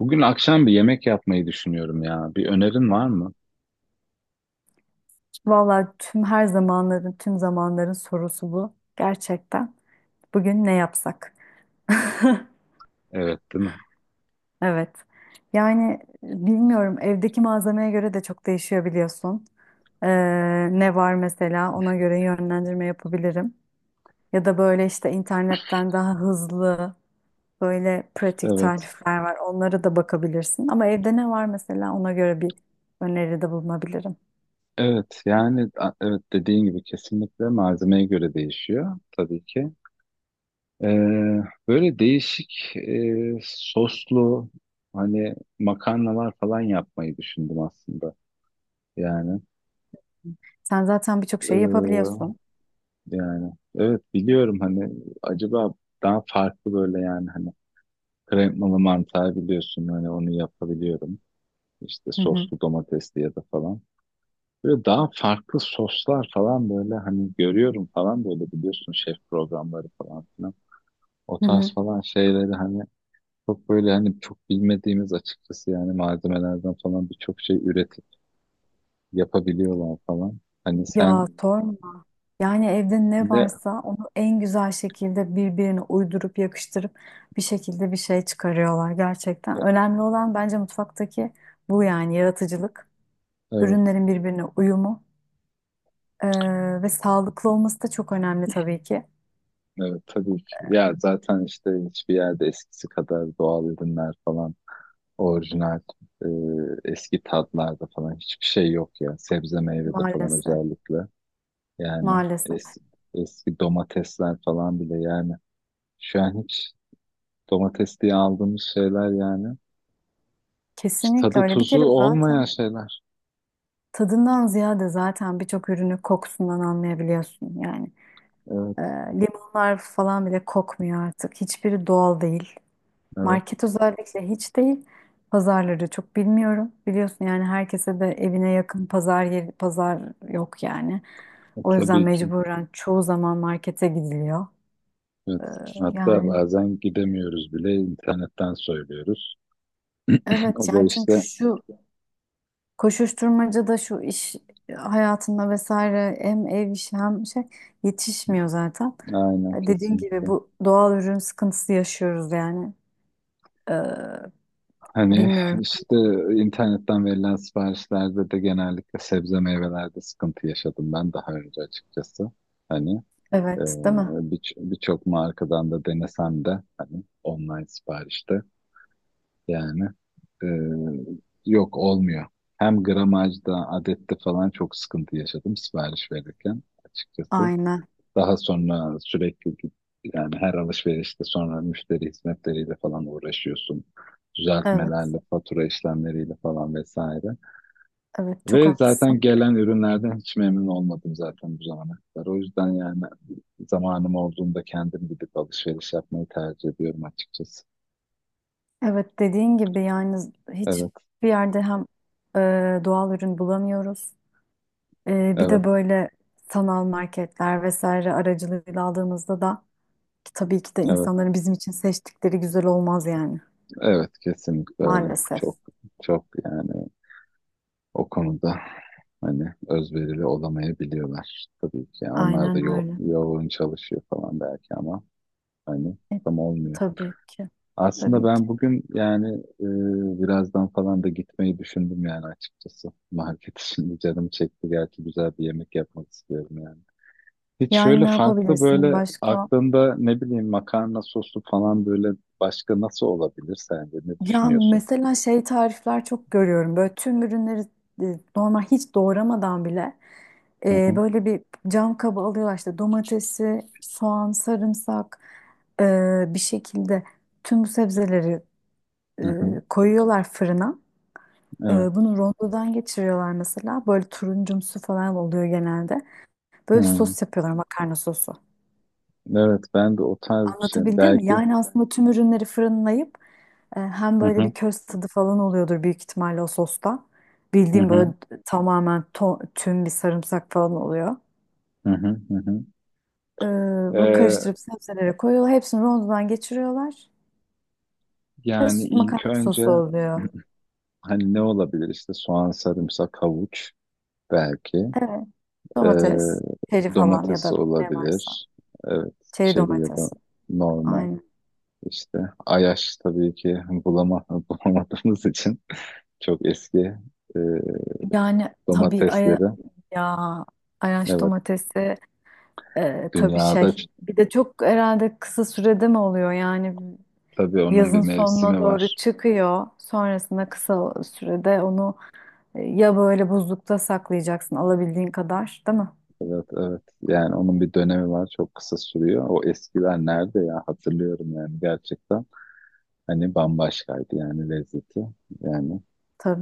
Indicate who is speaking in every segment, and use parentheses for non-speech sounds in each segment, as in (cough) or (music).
Speaker 1: Bugün akşam bir yemek yapmayı düşünüyorum ya. Bir önerin var mı?
Speaker 2: Vallahi tüm her zamanların, tüm zamanların sorusu bu. Gerçekten. Bugün ne yapsak? (laughs)
Speaker 1: Evet, değil mi?
Speaker 2: Evet. Yani bilmiyorum, evdeki malzemeye göre de çok değişiyor biliyorsun. Ee, Ne var mesela, ona göre yönlendirme yapabilirim. Ya da böyle işte internetten daha hızlı, böyle pratik
Speaker 1: Evet.
Speaker 2: tarifler var. Onlara da bakabilirsin. Ama evde ne var mesela, ona göre bir öneride bulunabilirim.
Speaker 1: Evet, yani evet dediğin gibi kesinlikle malzemeye göre değişiyor tabii ki. Ee, Böyle değişik soslu hani makarnalar falan yapmayı düşündüm aslında. Yani
Speaker 2: Sen zaten birçok
Speaker 1: ee,
Speaker 2: şey yapabiliyorsun.
Speaker 1: yani evet biliyorum hani acaba daha farklı böyle yani hani kremalı mantar biliyorsun hani onu yapabiliyorum. İşte
Speaker 2: Hı hı.
Speaker 1: soslu domatesli ya da falan. Böyle daha farklı soslar falan böyle hani görüyorum falan böyle biliyorsun şef programları falan filan. O
Speaker 2: Hı hı.
Speaker 1: tarz falan şeyleri hani çok böyle hani çok bilmediğimiz açıkçası yani malzemelerden falan birçok şey üretip yapabiliyorlar falan. Hani sen
Speaker 2: Ya sorma. Yani evde ne
Speaker 1: de
Speaker 2: varsa onu en güzel şekilde birbirine uydurup yakıştırıp bir şekilde bir şey çıkarıyorlar
Speaker 1: e,
Speaker 2: gerçekten. Önemli olan bence mutfaktaki bu, yani yaratıcılık,
Speaker 1: evet
Speaker 2: ürünlerin birbirine uyumu ve sağlıklı olması da çok önemli tabii ki.
Speaker 1: evet tabii ki. Ya zaten işte hiçbir yerde eskisi kadar doğal ürünler falan orijinal e, eski tatlarda falan hiçbir şey yok ya sebze meyvede falan
Speaker 2: Maalesef,
Speaker 1: özellikle. Yani
Speaker 2: maalesef.
Speaker 1: eski, eski domatesler falan bile yani. Şu an hiç domates diye aldığımız şeyler yani. Hiç
Speaker 2: Kesinlikle
Speaker 1: tadı
Speaker 2: öyle. Bir
Speaker 1: tuzu
Speaker 2: kere
Speaker 1: olmayan
Speaker 2: zaten
Speaker 1: şeyler.
Speaker 2: tadından ziyade zaten birçok ürünü kokusundan anlayabiliyorsun yani.
Speaker 1: Evet,
Speaker 2: Eee, Limonlar falan bile kokmuyor artık. Hiçbiri doğal değil.
Speaker 1: evet.
Speaker 2: Market özellikle hiç değil. Pazarları çok bilmiyorum. Biliyorsun yani, herkese de evine yakın pazar yeri, pazar yok yani.
Speaker 1: E,
Speaker 2: O yüzden
Speaker 1: tabii ki.
Speaker 2: mecburen çoğu zaman markete gidiliyor. Ee,
Speaker 1: Evet. Hatta
Speaker 2: Yani
Speaker 1: bazen gidemiyoruz bile internetten söylüyoruz. O
Speaker 2: evet,
Speaker 1: da
Speaker 2: yani
Speaker 1: işte
Speaker 2: çünkü şu koşuşturmacada, şu iş hayatında vesaire, hem ev işi hem şey, yetişmiyor zaten.
Speaker 1: aynen
Speaker 2: E, dediğin gibi
Speaker 1: kesinlikle.
Speaker 2: bu doğal ürün sıkıntısı yaşıyoruz yani. Ee,
Speaker 1: Hani
Speaker 2: Bilmiyorum.
Speaker 1: işte internetten verilen siparişlerde de genellikle sebze meyvelerde sıkıntı yaşadım ben daha önce açıkçası. Hani Ee,
Speaker 2: Evet, değil mi?
Speaker 1: birçok markadan da denesem de hani online siparişte yani e, yok olmuyor. Hem gramajda, adette falan çok sıkıntı yaşadım sipariş verirken açıkçası.
Speaker 2: Aynen.
Speaker 1: Daha sonra sürekli yani her alışverişte sonra müşteri hizmetleriyle falan uğraşıyorsun.
Speaker 2: Evet,
Speaker 1: Düzeltmelerle, fatura işlemleriyle falan vesaire.
Speaker 2: evet çok
Speaker 1: Ve zaten
Speaker 2: haklısın.
Speaker 1: gelen ürünlerden hiç memnun olmadım zaten bu zamana kadar. O yüzden yani zamanım olduğunda kendim gidip alışveriş yapmayı tercih ediyorum açıkçası.
Speaker 2: Evet, dediğin gibi yani
Speaker 1: Evet,
Speaker 2: hiçbir yerde hem e, doğal ürün bulamıyoruz. E, bir de
Speaker 1: evet,
Speaker 2: böyle sanal marketler vesaire aracılığıyla aldığımızda da, ki tabii ki de
Speaker 1: evet,
Speaker 2: insanların bizim için seçtikleri güzel olmaz yani,
Speaker 1: evet kesinlikle öyle.
Speaker 2: maalesef.
Speaker 1: Çok, çok yani o konuda hani özverili olamayabiliyorlar tabii ki. Yani onlar da
Speaker 2: Aynen öyle.
Speaker 1: yoğun çalışıyor falan belki ama hani
Speaker 2: E,
Speaker 1: tam olmuyor.
Speaker 2: tabii ki,
Speaker 1: Aslında
Speaker 2: tabii
Speaker 1: ben
Speaker 2: ki.
Speaker 1: bugün yani birazdan falan da gitmeyi düşündüm yani açıkçası. Market (laughs) şimdi canım çekti. Gerçi güzel bir yemek yapmak istiyorum yani. Hiç
Speaker 2: Yani
Speaker 1: şöyle
Speaker 2: ne
Speaker 1: farklı
Speaker 2: yapabilirsin
Speaker 1: böyle
Speaker 2: başka?
Speaker 1: aklında ne bileyim makarna soslu falan böyle başka nasıl olabilir sence ne
Speaker 2: Ya
Speaker 1: düşünüyorsun?
Speaker 2: mesela şey, tarifler çok görüyorum. Böyle tüm ürünleri e, normal, hiç doğramadan bile
Speaker 1: Hı
Speaker 2: e,
Speaker 1: hı,
Speaker 2: böyle bir cam kaba alıyorlar, işte domatesi, soğan, sarımsak, e, bir şekilde tüm bu sebzeleri
Speaker 1: hı hı,
Speaker 2: e, koyuyorlar fırına. E,
Speaker 1: evet.
Speaker 2: bunu rondodan geçiriyorlar mesela. Böyle turuncumsu falan oluyor genelde. Böyle bir
Speaker 1: Hı.
Speaker 2: sos yapıyorlar, makarna sosu.
Speaker 1: Evet ben de o tarz bir şey
Speaker 2: Anlatabildim mi?
Speaker 1: belki.
Speaker 2: Yani aslında tüm ürünleri fırınlayıp, e, hem
Speaker 1: Hı
Speaker 2: böyle
Speaker 1: hı,
Speaker 2: bir köz tadı falan oluyordur büyük ihtimalle o sosta.
Speaker 1: hı
Speaker 2: Bildiğim böyle
Speaker 1: hı,
Speaker 2: tamamen tüm bir sarımsak falan oluyor.
Speaker 1: hı hı, hı hı.
Speaker 2: E, bu
Speaker 1: Ee,
Speaker 2: karıştırıp sebzelere koyuyorlar. Hepsini rondodan geçiriyorlar. Ve
Speaker 1: Yani ilk
Speaker 2: makarna
Speaker 1: önce
Speaker 2: sosu oluyor.
Speaker 1: hani ne olabilir işte soğan, sarımsak, havuç belki.
Speaker 2: Evet. Domates,
Speaker 1: Ee,
Speaker 2: çeri falan ya
Speaker 1: Domates
Speaker 2: da ne varsa.
Speaker 1: olabilir. Evet
Speaker 2: Çeri
Speaker 1: çeri ya da
Speaker 2: domatesi.
Speaker 1: normal.
Speaker 2: Aynen.
Speaker 1: İşte Ayaş tabii ki bulama, (laughs) bulamadığımız için çok eski e,
Speaker 2: Yani tabii
Speaker 1: domatesleri.
Speaker 2: ya Ayaş
Speaker 1: Evet.
Speaker 2: domatesi e, tabii
Speaker 1: Dünyada ç-
Speaker 2: şey. Bir de çok herhalde kısa sürede mi oluyor yani,
Speaker 1: tabii onun bir
Speaker 2: yazın sonuna
Speaker 1: mevsimi
Speaker 2: doğru
Speaker 1: var.
Speaker 2: çıkıyor. Sonrasında kısa sürede onu e, ya böyle buzlukta saklayacaksın alabildiğin kadar, değil mi?
Speaker 1: Evet, evet. Yani onun bir dönemi var. Çok kısa sürüyor. O eskiler nerede ya? Hatırlıyorum yani gerçekten. Hani bambaşkaydı yani lezzeti. Yani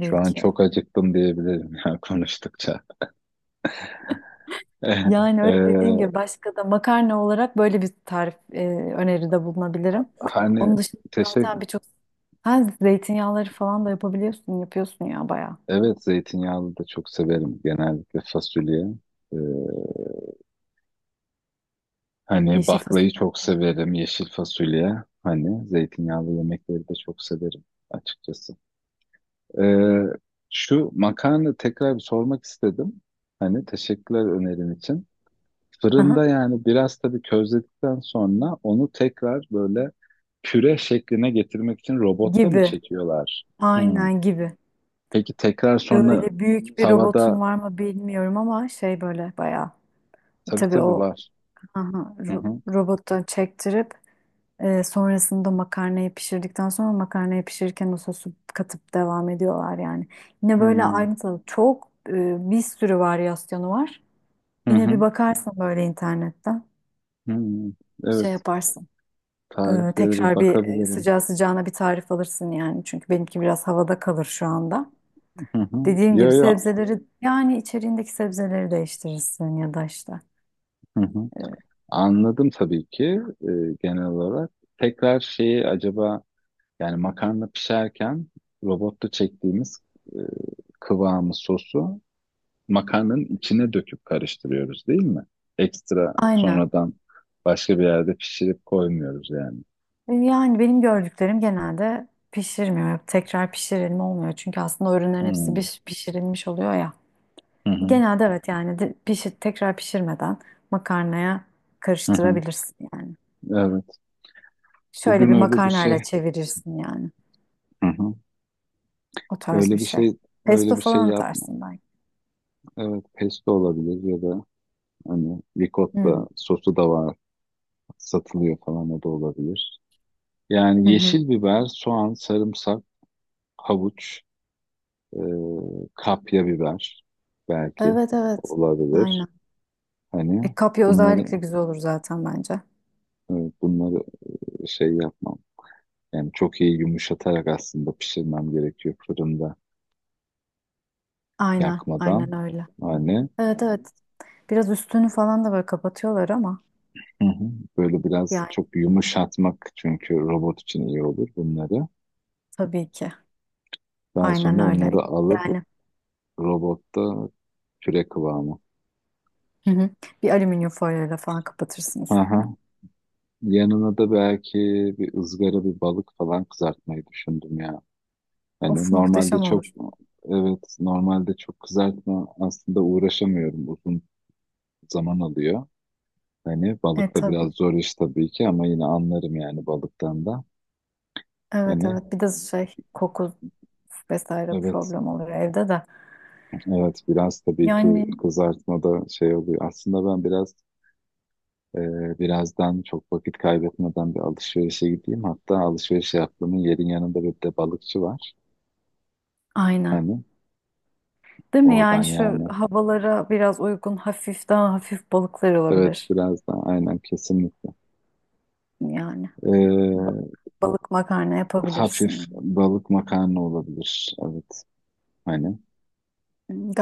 Speaker 1: şu an
Speaker 2: ki.
Speaker 1: çok acıktım diyebilirim ya (laughs) konuştukça. (laughs)
Speaker 2: Yani öyle, dediğim
Speaker 1: Ee,
Speaker 2: gibi başka da makarna olarak böyle bir tarif e, öneride bulunabilirim.
Speaker 1: Hani
Speaker 2: Onun dışında
Speaker 1: teşekkür.
Speaker 2: zaten birçok, ha, zeytinyağları falan da yapabiliyorsun, yapıyorsun ya bayağı.
Speaker 1: Evet zeytinyağlı da çok severim genellikle fasulye. Ee, Hani
Speaker 2: Yeşil
Speaker 1: baklayı
Speaker 2: fasulye.
Speaker 1: çok severim, yeşil fasulye. Hani zeytinyağlı yemekleri de çok severim açıkçası. Ee, Şu makarna tekrar bir sormak istedim. Hani teşekkürler önerin için. Fırında
Speaker 2: Aha.
Speaker 1: yani biraz tabii közledikten sonra onu tekrar böyle püre şekline getirmek için robotta mı
Speaker 2: Gibi.
Speaker 1: çekiyorlar? Hmm.
Speaker 2: Aynen, gibi.
Speaker 1: Peki tekrar sonra
Speaker 2: Böyle büyük bir robotun
Speaker 1: tavada
Speaker 2: var mı bilmiyorum, ama şey böyle bayağı. E,
Speaker 1: tabii
Speaker 2: tabii
Speaker 1: tabii
Speaker 2: o,
Speaker 1: var.
Speaker 2: aha,
Speaker 1: Hı hı.
Speaker 2: robota çektirip e, sonrasında makarnayı pişirdikten sonra, makarnayı pişirirken o sosu katıp devam ediyorlar yani. Yine
Speaker 1: Hı
Speaker 2: böyle
Speaker 1: hı.
Speaker 2: aynı tadı, çok e, bir sürü varyasyonu var.
Speaker 1: Hı
Speaker 2: Yine bir
Speaker 1: hı.
Speaker 2: bakarsın böyle internetten,
Speaker 1: Hı.
Speaker 2: şey
Speaker 1: Evet.
Speaker 2: yaparsın. E,
Speaker 1: Tariflere bir
Speaker 2: tekrar bir e,
Speaker 1: bakabilirim.
Speaker 2: sıcağı sıcağına bir tarif alırsın yani. Çünkü benimki biraz havada kalır şu anda.
Speaker 1: Hı hı.
Speaker 2: Dediğim
Speaker 1: Yo
Speaker 2: gibi
Speaker 1: yo.
Speaker 2: sebzeleri, yani içeriğindeki sebzeleri değiştirirsin ya da işte.
Speaker 1: Hı hı.
Speaker 2: E,
Speaker 1: Anladım tabii ki e, genel olarak. Tekrar şeyi acaba yani makarna pişerken robotta çektiğimiz e, kıvamı sosu makarnanın içine döküp karıştırıyoruz değil mi? Ekstra
Speaker 2: aynen.
Speaker 1: sonradan başka bir yerde pişirip koymuyoruz yani.
Speaker 2: E, yani benim gördüklerim genelde pişirmiyor. Hep tekrar pişirilme olmuyor. Çünkü aslında o ürünlerin
Speaker 1: Hı
Speaker 2: hepsi pişirilmiş oluyor ya.
Speaker 1: hı hı,
Speaker 2: Genelde evet, yani pişir, tekrar pişirmeden makarnaya
Speaker 1: hı hı.
Speaker 2: karıştırabilirsin yani.
Speaker 1: Evet.
Speaker 2: Şöyle
Speaker 1: Bugün
Speaker 2: bir
Speaker 1: öyle bir
Speaker 2: makarnayla
Speaker 1: şey.
Speaker 2: çevirirsin yani.
Speaker 1: Hı hı.
Speaker 2: O tarz bir
Speaker 1: Öyle bir
Speaker 2: şey.
Speaker 1: şey
Speaker 2: Pesto
Speaker 1: öyle bir şey
Speaker 2: falan
Speaker 1: yapma.
Speaker 2: atarsın belki.
Speaker 1: Evet, pesto olabilir ya da hani
Speaker 2: Hmm.
Speaker 1: ricotta sosu da var satılıyor falan o da olabilir.
Speaker 2: Hı
Speaker 1: Yani
Speaker 2: hı.
Speaker 1: yeşil biber, soğan, sarımsak, havuç, e, kapya biber belki
Speaker 2: Evet, evet. Aynen.
Speaker 1: olabilir. Hani
Speaker 2: E, kapya
Speaker 1: bunları
Speaker 2: özellikle güzel olur zaten bence.
Speaker 1: e, bunları şey yapmam. Yani çok iyi yumuşatarak aslında pişirmem gerekiyor fırında
Speaker 2: Aynen.
Speaker 1: yakmadan.
Speaker 2: Aynen öyle.
Speaker 1: Hani
Speaker 2: Evet, evet. Biraz üstünü falan da böyle kapatıyorlar ama
Speaker 1: hı hı, böyle biraz
Speaker 2: yani,
Speaker 1: çok yumuşatmak çünkü robot için iyi olur bunları.
Speaker 2: tabii ki.
Speaker 1: Daha
Speaker 2: Aynen
Speaker 1: sonra
Speaker 2: öyle.
Speaker 1: onları alıp
Speaker 2: Yani
Speaker 1: robotta püre kıvamı.
Speaker 2: hı hı. Bir alüminyum folyoyla falan kapatırsın
Speaker 1: Hı
Speaker 2: üstüne.
Speaker 1: hı. Yanına da belki bir ızgara bir balık falan kızartmayı düşündüm ya. Hani
Speaker 2: Of,
Speaker 1: normalde
Speaker 2: muhteşem
Speaker 1: çok
Speaker 2: olur.
Speaker 1: evet normalde çok kızartma aslında uğraşamıyorum uzun zaman alıyor. Hani
Speaker 2: E,
Speaker 1: balık da
Speaker 2: tabii.
Speaker 1: biraz zor iş tabii ki ama yine anlarım yani balıktan da.
Speaker 2: Evet,
Speaker 1: Hani
Speaker 2: evet. Bir de şey, koku vesaire
Speaker 1: evet
Speaker 2: problem olur evde de.
Speaker 1: evet biraz tabii ki
Speaker 2: Yani
Speaker 1: kızartmada şey oluyor. Aslında ben biraz birazdan çok vakit kaybetmeden bir alışverişe gideyim. Hatta alışveriş yaptığımın yerin yanında bir de balıkçı var.
Speaker 2: aynen.
Speaker 1: Hani
Speaker 2: Değil mi? Yani
Speaker 1: oradan
Speaker 2: şu
Speaker 1: yani
Speaker 2: havalara biraz uygun hafif, daha hafif balıklar
Speaker 1: evet
Speaker 2: olabilir.
Speaker 1: biraz daha aynen kesinlikle.
Speaker 2: Yani ba-
Speaker 1: Ee,
Speaker 2: balık makarna yapabilirsin
Speaker 1: Hafif
Speaker 2: yani.
Speaker 1: balık makarna olabilir. Evet hani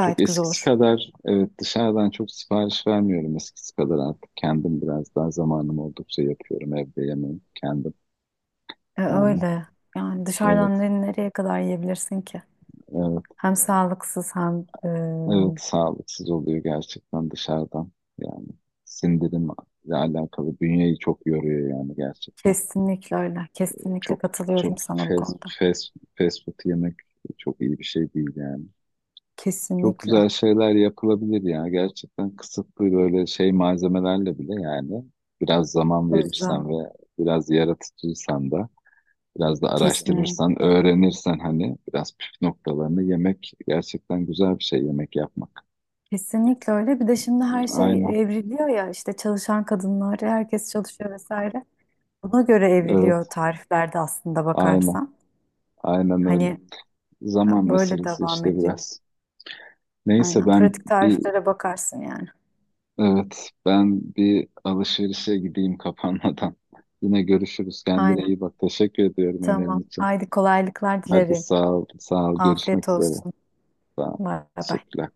Speaker 1: çok
Speaker 2: güzel
Speaker 1: eskisi
Speaker 2: olur.
Speaker 1: kadar evet dışarıdan çok sipariş vermiyorum eskisi kadar artık kendim biraz daha zamanım oldukça yapıyorum evde yemeği kendim
Speaker 2: E,
Speaker 1: yani.
Speaker 2: öyle. Yani
Speaker 1: Evet
Speaker 2: dışarıdan nereye kadar yiyebilirsin ki?
Speaker 1: evet
Speaker 2: Hem sağlıksız hem,
Speaker 1: evet sağlıksız oluyor gerçekten dışarıdan yani sindirimle alakalı bünyeyi çok yoruyor yani gerçekten.
Speaker 2: kesinlikle öyle. Kesinlikle
Speaker 1: Çok çok
Speaker 2: katılıyorum sana bu konuda.
Speaker 1: fast food yemek çok iyi bir şey değil yani. Çok
Speaker 2: Kesinlikle.
Speaker 1: güzel şeyler yapılabilir ya. Gerçekten kısıtlı böyle şey malzemelerle bile yani biraz zaman verirsen ve
Speaker 2: Özlem.
Speaker 1: biraz yaratıcıysan da biraz da araştırırsan,
Speaker 2: Kesinlikle.
Speaker 1: öğrenirsen hani biraz püf noktalarını yemek gerçekten güzel bir şey yemek yapmak.
Speaker 2: Kesinlikle öyle. Bir de şimdi her
Speaker 1: Aynen.
Speaker 2: şey evriliyor ya, işte çalışan kadınlar, herkes çalışıyor vesaire. Buna göre
Speaker 1: Evet.
Speaker 2: evriliyor tariflerde, aslında
Speaker 1: Aynen.
Speaker 2: bakarsan.
Speaker 1: Aynen öyle.
Speaker 2: Hani
Speaker 1: Zaman
Speaker 2: böyle
Speaker 1: meselesi
Speaker 2: devam
Speaker 1: işte
Speaker 2: ediyor.
Speaker 1: biraz. Neyse
Speaker 2: Aynen.
Speaker 1: ben
Speaker 2: Pratik
Speaker 1: bir
Speaker 2: tariflere bakarsın yani.
Speaker 1: evet ben bir alışverişe gideyim (laughs) kapanmadan. Yine görüşürüz. Kendine iyi
Speaker 2: Aynen.
Speaker 1: bak. Teşekkür ediyorum önerin
Speaker 2: Tamam.
Speaker 1: için.
Speaker 2: Haydi, kolaylıklar
Speaker 1: Hadi
Speaker 2: dilerim.
Speaker 1: sağ ol. Sağ ol. Görüşmek
Speaker 2: Afiyet
Speaker 1: üzere.
Speaker 2: olsun.
Speaker 1: Sağ ol.
Speaker 2: Bay bay.
Speaker 1: Teşekkürler.